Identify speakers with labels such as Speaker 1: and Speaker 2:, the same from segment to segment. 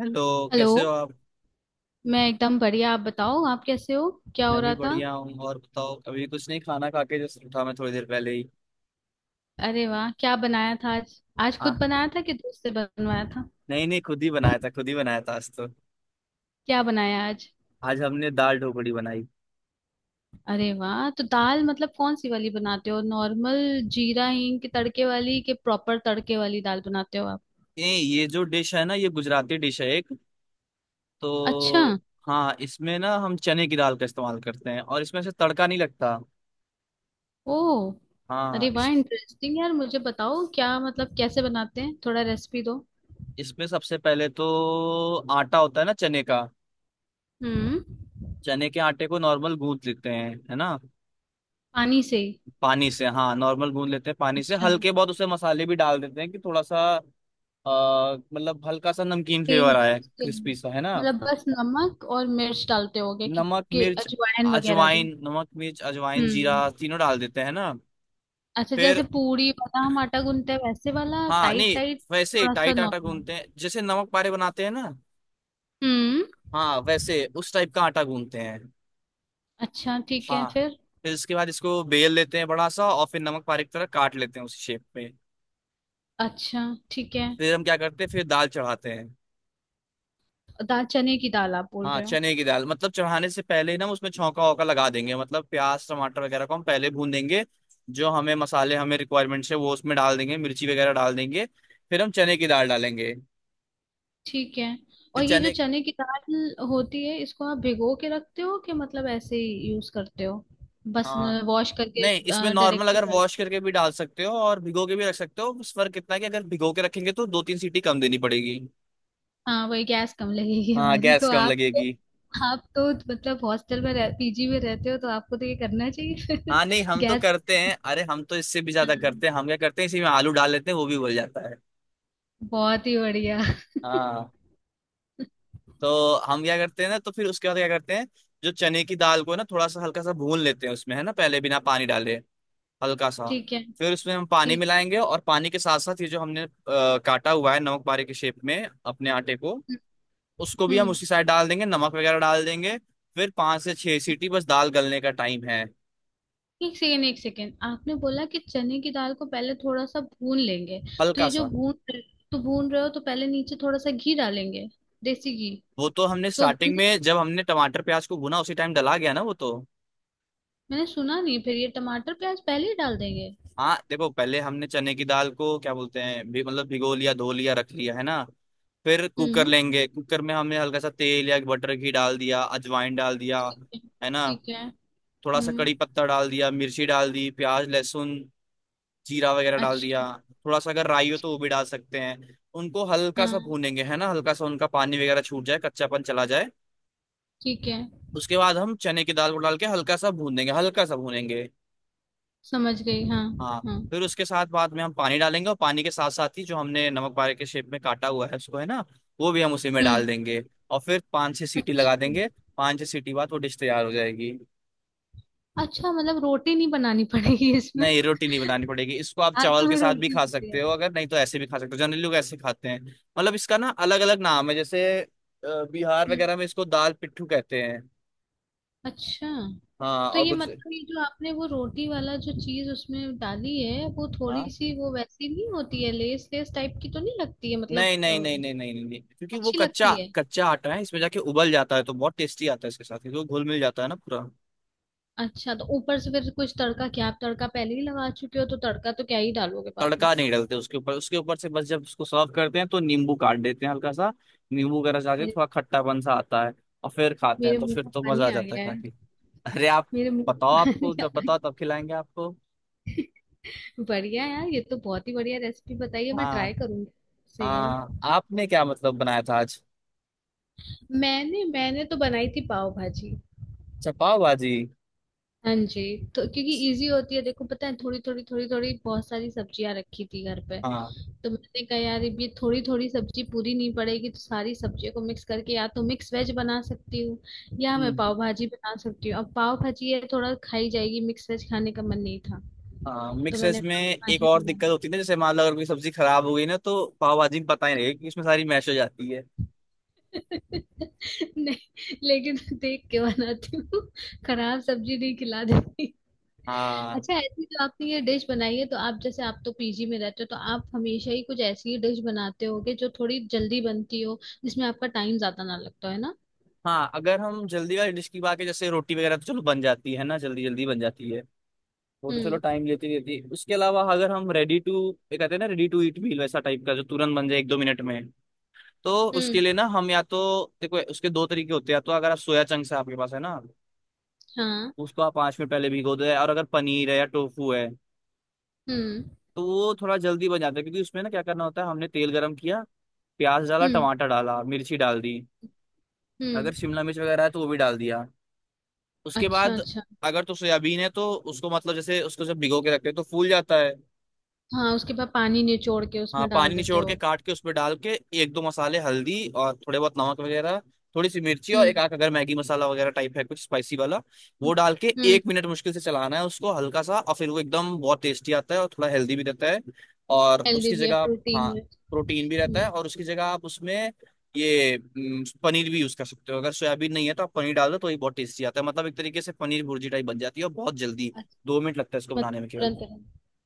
Speaker 1: Hello.
Speaker 2: Hello.
Speaker 1: कैसे हो आप।
Speaker 2: मैं एकदम बढ़िया। आप बताओ, आप कैसे हो? क्या
Speaker 1: मैं
Speaker 2: हो
Speaker 1: भी
Speaker 2: रहा था?
Speaker 1: बढ़िया हूँ। और बताओ, अभी कुछ नहीं, खाना खा के जस्ट उठा मैं थोड़ी देर पहले ही।
Speaker 2: अरे वाह, क्या बनाया था आज? आज
Speaker 1: आ,
Speaker 2: खुद बनाया था कि दोस्त से बनवाया था?
Speaker 1: नहीं नहीं, खुद ही बनाया था, खुद ही बनाया था आज तो।
Speaker 2: क्या बनाया आज?
Speaker 1: आज हमने दाल ढोकड़ी बनाई।
Speaker 2: अरे वाह, तो दाल मतलब कौन सी वाली बनाते हो? नॉर्मल जीरा हींग के तड़के वाली कि प्रॉपर तड़के वाली दाल बनाते हो आप?
Speaker 1: ये जो डिश है ना, ये गुजराती डिश है एक,
Speaker 2: अच्छा।
Speaker 1: तो हाँ। इसमें ना हम चने की दाल का इस्तेमाल करते हैं, और इसमें से तड़का नहीं लगता।
Speaker 2: ओ।
Speaker 1: हाँ,
Speaker 2: अरे वाह,
Speaker 1: इस
Speaker 2: इंटरेस्टिंग यार। मुझे बताओ क्या मतलब कैसे बनाते हैं, थोड़ा रेसिपी दो।
Speaker 1: इसमें सबसे पहले तो आटा होता है ना चने का।
Speaker 2: हम्म।
Speaker 1: चने के आटे को नॉर्मल गूंथ लेते हैं, है ना।
Speaker 2: पानी से?
Speaker 1: पानी से, हाँ, नॉर्मल गूंद लेते हैं पानी से,
Speaker 2: अच्छा।
Speaker 1: हल्के बहुत उसे मसाले भी डाल देते हैं कि थोड़ा सा मतलब हल्का सा नमकीन फ्लेवर आया है,
Speaker 2: टेस्टिंग।
Speaker 1: क्रिस्पी सा, है ना।
Speaker 2: मतलब बस नमक और मिर्च डालते होगे कि,
Speaker 1: नमक
Speaker 2: कि
Speaker 1: मिर्च,
Speaker 2: अजवाइन वगैरह भी?
Speaker 1: अजवाइन। नमक मिर्च अजवाइन जीरा
Speaker 2: हम्म।
Speaker 1: तीनों डाल देते हैं ना।
Speaker 2: अच्छा,
Speaker 1: फिर
Speaker 2: जैसे पूरी वाला हम आटा गूंथते हैं वैसे वाला?
Speaker 1: हाँ,
Speaker 2: टाइट
Speaker 1: नहीं,
Speaker 2: टाइट?
Speaker 1: वैसे
Speaker 2: थोड़ा सा
Speaker 1: टाइट आटा
Speaker 2: नॉर्मल।
Speaker 1: गूंथते हैं, जैसे नमक पारे बनाते हैं ना।
Speaker 2: हम्म।
Speaker 1: हाँ, वैसे उस टाइप का आटा गूंथते हैं।
Speaker 2: अच्छा ठीक है,
Speaker 1: हाँ,
Speaker 2: फिर?
Speaker 1: फिर इसके बाद इसको बेल लेते हैं बड़ा सा, और फिर नमक पारे की तरह काट लेते हैं उस शेप में।
Speaker 2: अच्छा ठीक है।
Speaker 1: फिर हम क्या करते हैं, फिर दाल चढ़ाते हैं।
Speaker 2: दाल? चने की दाल आप बोल
Speaker 1: हाँ,
Speaker 2: रहे हो?
Speaker 1: चने की दाल। मतलब चढ़ाने से पहले ही ना, हम उसमें छौंका वौका लगा देंगे। मतलब प्याज टमाटर वगैरह को हम पहले भून देंगे, जो हमें मसाले हमें रिक्वायरमेंट्स है वो उसमें डाल देंगे, मिर्ची वगैरह डाल देंगे। फिर हम चने की दाल डालेंगे।
Speaker 2: ठीक है। और
Speaker 1: फिर
Speaker 2: ये जो
Speaker 1: चने,
Speaker 2: चने की दाल होती है इसको आप भिगो के रखते हो कि मतलब ऐसे ही यूज करते हो बस?
Speaker 1: हाँ।
Speaker 2: वॉश करके
Speaker 1: नहीं, इसमें नॉर्मल, अगर
Speaker 2: डायरेक्टली?
Speaker 1: वॉश करके भी डाल सकते हो और भिगो के भी रख सकते हो, बस फर्क इतना है कि अगर भिगो के रखेंगे तो दो तीन सीटी कम देनी पड़ेगी।
Speaker 2: हाँ, वही गैस कम लगेगी
Speaker 1: हाँ,
Speaker 2: हमारी। तो
Speaker 1: गैस कम
Speaker 2: आप तो
Speaker 1: लगेगी।
Speaker 2: आप तो मतलब हॉस्टल में रह, पीजी में रहते हो, तो आपको तो ये करना चाहिए फिर
Speaker 1: हाँ, नहीं हम तो
Speaker 2: गैस।
Speaker 1: करते हैं। अरे हम तो इससे भी ज्यादा
Speaker 2: हाँ,
Speaker 1: करते हैं, हम क्या करते हैं इसी में आलू डाल लेते हैं, वो भी उबल जाता है।
Speaker 2: बहुत ही बढ़िया
Speaker 1: हाँ। तो हम क्या करते हैं ना, तो फिर उसके बाद क्या करते हैं, जो चने की दाल को ना थोड़ा सा हल्का सा भून लेते हैं उसमें, है ना, पहले बिना पानी डाले, हल्का सा।
Speaker 2: ठीक है।
Speaker 1: फिर उसमें हम पानी
Speaker 2: ठीक।
Speaker 1: मिलाएंगे, और पानी के साथ साथ ये जो हमने काटा हुआ है नमक बारे के शेप में अपने आटे को, उसको भी हम
Speaker 2: हम्म।
Speaker 1: उसी साइड डाल देंगे, नमक वगैरह डाल देंगे। फिर पांच से छह सीटी, बस दाल गलने का टाइम है।
Speaker 2: एक सेकेंड एक सेकेंड, आपने बोला कि चने की दाल को पहले थोड़ा सा भून लेंगे। तो
Speaker 1: हल्का
Speaker 2: ये जो
Speaker 1: सा,
Speaker 2: भून रहे- तो भून रहे हो तो पहले नीचे थोड़ा सा घी डालेंगे? देसी घी?
Speaker 1: वो तो हमने
Speaker 2: तो
Speaker 1: स्टार्टिंग
Speaker 2: भुने-
Speaker 1: में जब हमने टमाटर प्याज को भुना उसी टाइम डला गया ना वो तो।
Speaker 2: मैंने सुना नहीं। फिर ये टमाटर प्याज पहले ही डाल देंगे?
Speaker 1: हाँ देखो, पहले हमने चने की दाल को क्या बोलते हैं भी मतलब भिगो लिया, धो लिया, रख लिया, है ना। फिर कुकर
Speaker 2: हम्म।
Speaker 1: लेंगे, कुकर में हमने हल्का सा तेल या बटर घी डाल दिया, अजवाइन डाल दिया, है ना।
Speaker 2: ठीक है।
Speaker 1: थोड़ा सा
Speaker 2: हम्म।
Speaker 1: कड़ी पत्ता डाल दिया, मिर्ची डाल दी, प्याज लहसुन जीरा वगैरह डाल
Speaker 2: अच्छा।
Speaker 1: दिया। थोड़ा सा अगर राई हो तो वो भी डाल सकते हैं। उनको हल्का सा
Speaker 2: हाँ।
Speaker 1: भूनेंगे, है ना, हल्का सा, उनका पानी वगैरह छूट जाए, कच्चापन चला जाए।
Speaker 2: ठीक है।
Speaker 1: उसके बाद हम चने की दाल को डाल के हल्का सा भून देंगे, हल्का सा भूनेंगे।
Speaker 2: समझ गई, हाँ।
Speaker 1: हाँ,
Speaker 2: हाँ।
Speaker 1: फिर उसके साथ बाद में हम पानी डालेंगे, और पानी के साथ साथ ही जो हमने नमक बारे के शेप में काटा हुआ है उसको, है ना, वो भी हम उसी में डाल
Speaker 2: हम्म।
Speaker 1: देंगे। और फिर पाँच छह सीटी लगा
Speaker 2: अच्छा।
Speaker 1: देंगे। पाँच छह सीटी बाद वो डिश तैयार हो जाएगी।
Speaker 2: अच्छा मतलब रोटी नहीं बनानी पड़ेगी इसमें
Speaker 1: नहीं, रोटी नहीं बनानी पड़ेगी, इसको आप
Speaker 2: हाँ
Speaker 1: चावल के
Speaker 2: तुम्हें
Speaker 1: साथ भी
Speaker 2: रोटी
Speaker 1: खा
Speaker 2: भी
Speaker 1: सकते
Speaker 2: तैयार
Speaker 1: हो,
Speaker 2: है।
Speaker 1: अगर नहीं तो ऐसे भी खा सकते हो, जनरली लोग ऐसे खाते हैं। मतलब इसका ना अलग अलग नाम है, जैसे बिहार
Speaker 2: हम्म।
Speaker 1: वगैरह में इसको दाल पिट्ठू कहते हैं।
Speaker 2: अच्छा,
Speaker 1: हाँ,
Speaker 2: तो
Speaker 1: और
Speaker 2: ये
Speaker 1: कुछ।
Speaker 2: मतलब ये जो आपने वो रोटी वाला जो चीज उसमें डाली है, वो थोड़ी
Speaker 1: हाँ
Speaker 2: सी वो वैसी नहीं होती है? लेस लेस टाइप की तो नहीं लगती है? मतलब
Speaker 1: नहीं नहीं नहीं नहीं नहीं नहीं नहीं। क्योंकि वो
Speaker 2: अच्छी
Speaker 1: कच्चा
Speaker 2: लगती है।
Speaker 1: कच्चा आटा है इसमें जाके उबल जाता है, तो बहुत टेस्टी आता है इसके साथ, क्योंकि वो घुल मिल जाता है ना पूरा।
Speaker 2: अच्छा, तो ऊपर से फिर कुछ तड़का? क्या आप तड़का पहले ही लगा चुके हो, तो तड़का तो क्या ही डालोगे बाद में।
Speaker 1: तड़का नहीं डालते उसके ऊपर, उसके ऊपर से बस जब उसको सर्व करते हैं तो नींबू काट देते हैं हल्का सा, नींबू का रस आके
Speaker 2: मेरे
Speaker 1: थोड़ा खट्टापन सा आता है। और फिर खाते हैं
Speaker 2: मेरे
Speaker 1: तो
Speaker 2: मुंह
Speaker 1: फिर
Speaker 2: में
Speaker 1: तो मजा
Speaker 2: पानी
Speaker 1: आ
Speaker 2: आ
Speaker 1: जाता है
Speaker 2: गया
Speaker 1: खा
Speaker 2: है।
Speaker 1: के। अरे आप
Speaker 2: मेरे मुंह
Speaker 1: बताओ,
Speaker 2: में पानी
Speaker 1: आपको
Speaker 2: आ
Speaker 1: जब बताओ
Speaker 2: गया।
Speaker 1: तब खिलाएंगे आपको।
Speaker 2: बढ़िया यार, ये तो बहुत ही बढ़िया रेसिपी बताई है, मैं
Speaker 1: हाँ।
Speaker 2: ट्राई करूंगी। सही है।
Speaker 1: हाँ, आपने क्या मतलब बनाया था आज।
Speaker 2: मैंने मैंने तो बनाई थी पाव भाजी।
Speaker 1: अच्छा पाव भाजी।
Speaker 2: हाँ जी। तो क्योंकि इजी होती है, देखो पता है, थोड़ी थोड़ी थोड़ी थोड़ी बहुत सारी सब्जियां रखी थी घर पे।
Speaker 1: हाँ,
Speaker 2: तो मैंने कहा यार, ये थोड़ी थोड़ी सब्जी पूरी नहीं पड़ेगी, तो सारी सब्जियों को मिक्स करके या तो मिक्स वेज बना सकती हूँ या मैं
Speaker 1: हम्म।
Speaker 2: पाव भाजी बना सकती हूँ। अब पाव भाजी ये थोड़ा खाई जाएगी, मिक्स वेज खाने का मन नहीं था,
Speaker 1: हाँ,
Speaker 2: तो
Speaker 1: मिक्स वेज
Speaker 2: मैंने
Speaker 1: में
Speaker 2: पाव
Speaker 1: एक
Speaker 2: भाजी
Speaker 1: और
Speaker 2: बना
Speaker 1: दिक्कत
Speaker 2: ली।
Speaker 1: होती है ना, जैसे मान लो अगर कोई सब्जी खराब हो गई ना, तो पाव भाजी में पता ही नहीं कि उसमें सारी मैश हो जाती है।
Speaker 2: नहीं, लेकिन देख के बनाती हूँ, खराब सब्जी नहीं खिला देती।
Speaker 1: हाँ।
Speaker 2: अच्छा, ऐसी जो आपने ये डिश बनाई है, तो आप जैसे आप तो पीजी में रहते हो, तो आप हमेशा ही कुछ ऐसी ही डिश बनाते होगे जो थोड़ी जल्दी बनती हो, जिसमें आपका टाइम ज्यादा ना लगता है ना?
Speaker 1: हाँ, अगर हम जल्दी वाली डिश की बात करें, जैसे रोटी वगैरह, तो चलो बन जाती है ना, जल्दी जल्दी बन जाती है। वो तो चलो
Speaker 2: हम्म।
Speaker 1: टाइम लेती रहती है, उसके अलावा अगर हम रेडी टू, ये कहते हैं ना रेडी टू ईट मील, वैसा टाइप का जो तुरंत बन जाए एक दो मिनट में, तो उसके
Speaker 2: हम्म।
Speaker 1: लिए ना हम या तो, देखो उसके दो तरीके होते हैं। या तो अगर आप सोया चंक्स है आपके पास, है ना,
Speaker 2: हाँ।
Speaker 1: उसको आप पाँच मिनट पहले भिगो दो, और अगर पनीर है या टोफू है
Speaker 2: हम्म।
Speaker 1: तो वो थोड़ा जल्दी बन जाता है, क्योंकि उसमें ना क्या करना होता है, हमने तेल गर्म किया, प्याज डाला,
Speaker 2: हम्म।
Speaker 1: टमाटर डाला, मिर्ची डाल दी, अगर
Speaker 2: हम्म।
Speaker 1: शिमला मिर्च वगैरह है तो वो भी डाल दिया। उसके
Speaker 2: अच्छा,
Speaker 1: बाद,
Speaker 2: अच्छा।
Speaker 1: अगर तो सोयाबीन है तो उसको, मतलब जैसे उसको जब भिगो के रखते हैं तो फूल जाता है।
Speaker 2: हाँ, उसके बाद पानी निचोड़ के
Speaker 1: हाँ,
Speaker 2: उसमें डाल
Speaker 1: पानी
Speaker 2: देते
Speaker 1: निचोड़ के
Speaker 2: हो?
Speaker 1: काट के उसमें डाल के, एक दो मसाले, हल्दी और थोड़े बहुत नमक वगैरह, थोड़ी सी मिर्ची, और एक
Speaker 2: हम्म।
Speaker 1: आख अगर मैगी मसाला वगैरह टाइप है कुछ स्पाइसी वाला, वो डाल के
Speaker 2: हम्म।
Speaker 1: एक मिनट मुश्किल से चलाना है उसको हल्का सा, और फिर वो एकदम बहुत टेस्टी आता है, और थोड़ा हेल्दी भी रहता है। और
Speaker 2: हेल्दी
Speaker 1: उसकी
Speaker 2: भी है,
Speaker 1: जगह आप, हाँ,
Speaker 2: प्रोटीन है।
Speaker 1: प्रोटीन भी रहता है,
Speaker 2: हम्म।
Speaker 1: और उसकी जगह आप उसमें, ये पनीर भी यूज कर सकते हो, अगर सोयाबीन नहीं है तो आप पनीर डाल दो, तो ये बहुत टेस्टी आता है, मतलब एक तरीके से पनीर भुर्जी टाइप बन जाती है, और बहुत जल्दी, दो मिनट लगता है इसको
Speaker 2: मत
Speaker 1: बनाने में केवल।
Speaker 2: तुरंत,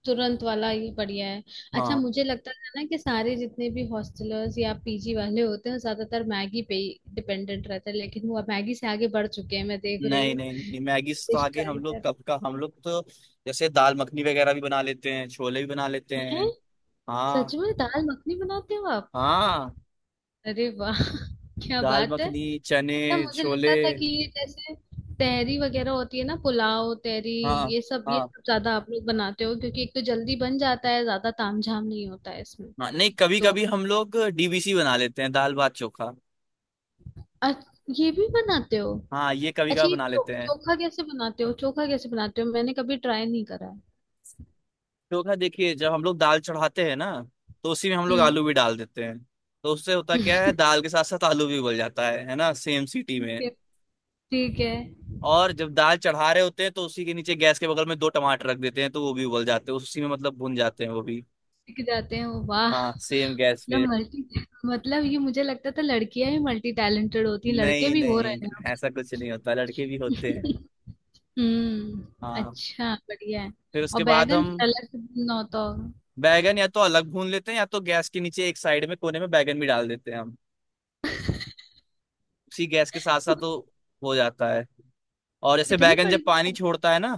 Speaker 2: तुरंत वाला ही बढ़िया है। अच्छा,
Speaker 1: हाँ,
Speaker 2: मुझे लगता था ना कि सारे जितने भी हॉस्टलर्स या पीजी वाले होते हैं ज्यादातर मैगी पे ही डिपेंडेंट रहते हैं, लेकिन वो अब मैगी से आगे बढ़ चुके हैं, मैं देख रही
Speaker 1: नहीं
Speaker 2: हूँ।
Speaker 1: नहीं नहीं, नहीं मैगी से तो
Speaker 2: डिश
Speaker 1: आगे हम
Speaker 2: ट्राई
Speaker 1: लोग
Speaker 2: कर।
Speaker 1: कब का, हम लोग तो जैसे दाल मखनी वगैरह भी बना लेते हैं, छोले भी बना लेते हैं।
Speaker 2: हैं? सच
Speaker 1: हाँ।
Speaker 2: में दाल मखनी बनाते हो आप?
Speaker 1: हाँ।
Speaker 2: अरे वाह क्या
Speaker 1: दाल
Speaker 2: बात है।
Speaker 1: मखनी, चने,
Speaker 2: अच्छा मुझे लगता
Speaker 1: छोले।
Speaker 2: था कि ये जैसे तहरी वगैरह होती है ना, पुलाव, तहरी,
Speaker 1: हाँ।
Speaker 2: ये सब ये
Speaker 1: हाँ,
Speaker 2: सब ज्यादा आप लोग बनाते हो, क्योंकि एक तो जल्दी बन जाता है, ज्यादा तामझाम नहीं होता है इसमें।
Speaker 1: हाँ नहीं, कभी
Speaker 2: तो
Speaker 1: कभी हम लोग डीबीसी बना लेते हैं, दाल भात चोखा।
Speaker 2: अच- ये भी बनाते हो?
Speaker 1: हाँ, ये कभी
Speaker 2: अच्छा,
Speaker 1: कभी
Speaker 2: ये
Speaker 1: बना लेते हैं।
Speaker 2: चोखा कैसे बनाते हो? चोखा कैसे बनाते हो, मैंने कभी ट्राई नहीं करा है।
Speaker 1: चोखा, देखिए जब हम लोग दाल चढ़ाते हैं ना, तो उसी में हम लोग
Speaker 2: हम्म
Speaker 1: आलू भी डाल देते हैं। तो उससे होता क्या है, दाल के साथ साथ आलू भी उबल जाता है ना, सेम सीटी
Speaker 2: ठीक
Speaker 1: में।
Speaker 2: है। ठीक है।
Speaker 1: और जब दाल चढ़ा रहे होते हैं तो उसी के नीचे गैस के बगल में दो टमाटर रख देते हैं, तो वो भी उबल जाते हैं उसी में, मतलब भुन जाते हैं वो भी।
Speaker 2: सीख जाते हैं वो? वाह।
Speaker 1: हाँ, सेम गैस
Speaker 2: मतलब
Speaker 1: पे।
Speaker 2: मल्टी मतलब ये मुझे लगता था लड़कियां ही मल्टी टैलेंटेड होती हैं, लड़के
Speaker 1: नहीं
Speaker 2: भी हो
Speaker 1: नहीं,
Speaker 2: रहे हैं अब
Speaker 1: ऐसा कुछ नहीं होता, लड़के भी होते हैं।
Speaker 2: हम्म,
Speaker 1: हाँ,
Speaker 2: अच्छा, बढ़िया है।
Speaker 1: फिर
Speaker 2: और
Speaker 1: उसके बाद
Speaker 2: बैगन
Speaker 1: हम,
Speaker 2: अलग से भूनना होता होगा?
Speaker 1: बैगन या तो अलग भून लेते हैं, या तो गैस के नीचे एक साइड में कोने में बैगन भी डाल देते हैं हम, उसी गैस के साथ साथ तो हो जाता है। और जैसे
Speaker 2: कितनी
Speaker 1: बैगन जब
Speaker 2: बड़ी!
Speaker 1: पानी छोड़ता है ना,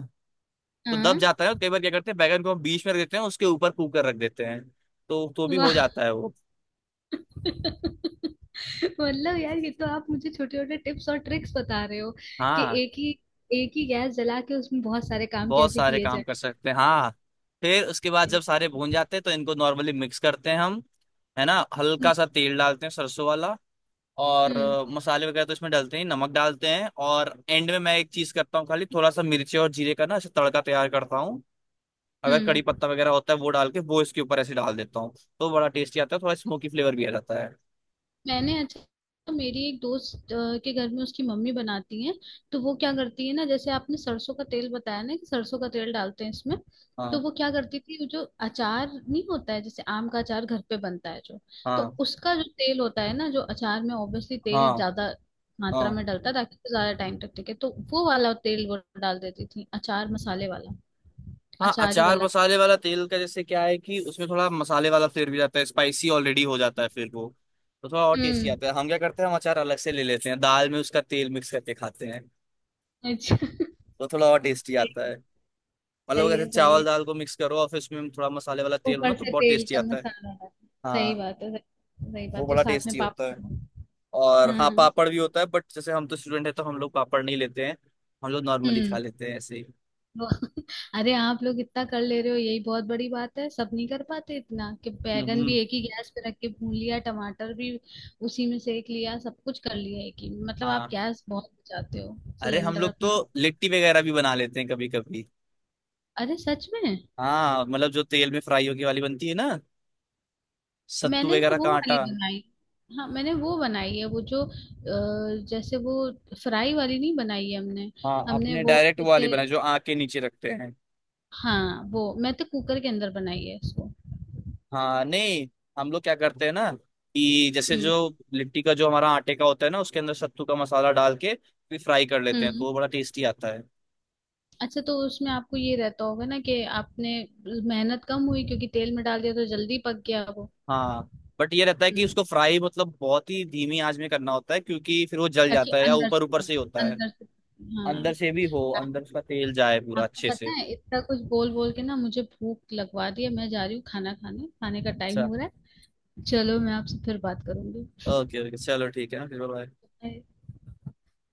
Speaker 1: तो दब
Speaker 2: हाँ।
Speaker 1: जाता है, और कई बार क्या करते हैं, बैगन को हम बीच में रख देते हैं उसके ऊपर कुकर रख देते हैं, तो भी हो
Speaker 2: वाह
Speaker 1: जाता है वो।
Speaker 2: मतलब यार, ये तो आप मुझे छोटे छोटे टिप्स और ट्रिक्स बता रहे हो कि
Speaker 1: हाँ,
Speaker 2: एक ही गैस जला के उसमें बहुत सारे काम
Speaker 1: बहुत
Speaker 2: कैसे
Speaker 1: सारे
Speaker 2: किए
Speaker 1: काम
Speaker 2: जाए।
Speaker 1: कर सकते हैं, हाँ। फिर उसके बाद जब सारे भून जाते हैं तो इनको नॉर्मली मिक्स करते हैं हम, है ना,
Speaker 2: हम्म।
Speaker 1: हल्का सा तेल डालते हैं सरसों वाला, और
Speaker 2: हम्म।
Speaker 1: मसाले वगैरह तो इसमें डालते हैं, नमक डालते हैं, और एंड में मैं एक चीज करता हूँ, खाली थोड़ा सा मिर्ची और जीरे का ना ऐसे तड़का तैयार करता हूँ, अगर कड़ी
Speaker 2: हम्म।
Speaker 1: पत्ता वगैरह होता है वो डाल के वो इसके ऊपर ऐसे डाल देता हूँ। तो बड़ा टेस्टी आता है, थोड़ा स्मोकी फ्लेवर भी आ जाता है।
Speaker 2: मैंने अच्छा, तो मेरी एक दोस्त के घर में उसकी मम्मी बनाती हैं। तो वो क्या करती है ना, जैसे आपने सरसों का तेल बताया ना कि सरसों का तेल डालते हैं इसमें, तो
Speaker 1: हाँ
Speaker 2: वो क्या करती थी, वो जो अचार नहीं होता है जैसे आम का अचार घर पे बनता है जो, तो
Speaker 1: हाँ
Speaker 2: उसका जो तेल होता है ना, जो अचार में ऑब्वियसली
Speaker 1: हाँ
Speaker 2: तेल ज्यादा मात्रा
Speaker 1: हाँ
Speaker 2: में डलता है ताकि वो ज्यादा टाइम तक टिके, तो वो वाला तेल वो डाल देती थी, अचार मसाले वाला।
Speaker 1: हाँ।
Speaker 2: अचारी
Speaker 1: अचार
Speaker 2: वाला।
Speaker 1: मसाले वाला तेल का जैसे क्या है कि उसमें थोड़ा मसाले वाला फ्लेवर भी जाता है, स्पाइसी ऑलरेडी हो जाता है फिर वो, तो थोड़ा और टेस्टी
Speaker 2: हम्म।
Speaker 1: आता है। हम क्या करते हैं, हम अचार अलग से ले लेते हैं, दाल में उसका तेल मिक्स करके खाते हैं,
Speaker 2: अच्छा
Speaker 1: तो थोड़ा और टेस्टी
Speaker 2: सही।
Speaker 1: आता है। मतलब अगर
Speaker 2: सही
Speaker 1: जैसे
Speaker 2: है, सही
Speaker 1: चावल
Speaker 2: है।
Speaker 1: दाल को मिक्स करो और फिर उसमें थोड़ा मसाले वाला तेल हो ना,
Speaker 2: ऊपर
Speaker 1: तो
Speaker 2: से
Speaker 1: बहुत
Speaker 2: तेल
Speaker 1: टेस्टी
Speaker 2: का
Speaker 1: आता है।
Speaker 2: मसाला डाल। सही
Speaker 1: हाँ।
Speaker 2: बात है, सही। सही
Speaker 1: वो
Speaker 2: बात है,
Speaker 1: बड़ा
Speaker 2: साथ में
Speaker 1: टेस्टी होता है।
Speaker 2: पापड़।
Speaker 1: और हाँ,
Speaker 2: हम्म।
Speaker 1: पापड़ भी होता है, बट जैसे हम तो स्टूडेंट है, तो हम लोग पापड़ नहीं लेते हैं। हम लोग नॉर्मली खा
Speaker 2: हम्म।
Speaker 1: लेते हैं ऐसे ही।
Speaker 2: वो- अरे, आप लोग इतना कर ले रहे हो, यही बहुत बड़ी बात है। सब नहीं कर पाते इतना कि
Speaker 1: हम्म
Speaker 2: बैगन भी
Speaker 1: हम्म,
Speaker 2: एक ही गैस पे रख के भून लिया, टमाटर भी उसी में सेक लिया, सब कुछ कर लिया एक ही, मतलब आप
Speaker 1: हाँ,
Speaker 2: गैस बहुत बचाते हो,
Speaker 1: अरे हम
Speaker 2: सिलेंडर
Speaker 1: लोग तो
Speaker 2: अपना।
Speaker 1: लिट्टी वगैरह भी बना लेते हैं कभी कभी।
Speaker 2: अरे सच में?
Speaker 1: हाँ, मतलब जो तेल में फ्राई होगी वाली बनती है ना, सत्तू
Speaker 2: मैंने ना
Speaker 1: वगैरह
Speaker 2: वो
Speaker 1: का आटा।
Speaker 2: वाली बनाई। हाँ मैंने वो बनाई है, वो जो जैसे वो फ्राई वाली नहीं बनाई है हमने।
Speaker 1: हाँ,
Speaker 2: हमने
Speaker 1: अपने
Speaker 2: वो
Speaker 1: डायरेक्ट वो वाली
Speaker 2: जैसे,
Speaker 1: बनाए जो आँख के नीचे रखते हैं।
Speaker 2: हाँ वो मैं तो कुकर के अंदर बनाई है इसको।
Speaker 1: हाँ नहीं, हम लोग क्या करते हैं ना कि जैसे जो
Speaker 2: हम्म।
Speaker 1: लिट्टी का जो हमारा आटे का होता है ना, उसके अंदर सत्तू का मसाला डाल के फिर फ्राई कर लेते हैं, तो
Speaker 2: हम्म।
Speaker 1: वो बड़ा टेस्टी आता है।
Speaker 2: अच्छा, तो उसमें आपको ये रहता होगा ना कि आपने मेहनत कम हुई क्योंकि तेल में डाल दिया तो जल्दी पक गया वो।
Speaker 1: हाँ बट ये रहता है कि
Speaker 2: हम्म।
Speaker 1: उसको फ्राई मतलब बहुत ही धीमी आंच में करना होता है, क्योंकि फिर वो जल
Speaker 2: ताकि
Speaker 1: जाता है या
Speaker 2: अंदर
Speaker 1: ऊपर ऊपर
Speaker 2: से
Speaker 1: से ही होता है।
Speaker 2: अंदर से
Speaker 1: अंदर
Speaker 2: हाँ।
Speaker 1: से भी हो,
Speaker 2: आप-
Speaker 1: अंदर उसका तेल जाए पूरा
Speaker 2: आपको
Speaker 1: अच्छे
Speaker 2: पता
Speaker 1: से।
Speaker 2: है, इतना कुछ बोल बोल के ना मुझे भूख लगवा रही है, मैं जा रही हूँ खाना खाने खाने का टाइम
Speaker 1: अच्छा,
Speaker 2: हो रहा है। चलो, मैं आपसे फिर बात करूंगी।
Speaker 1: ओके ओके चलो, ठीक है ना, फिर bye-bye।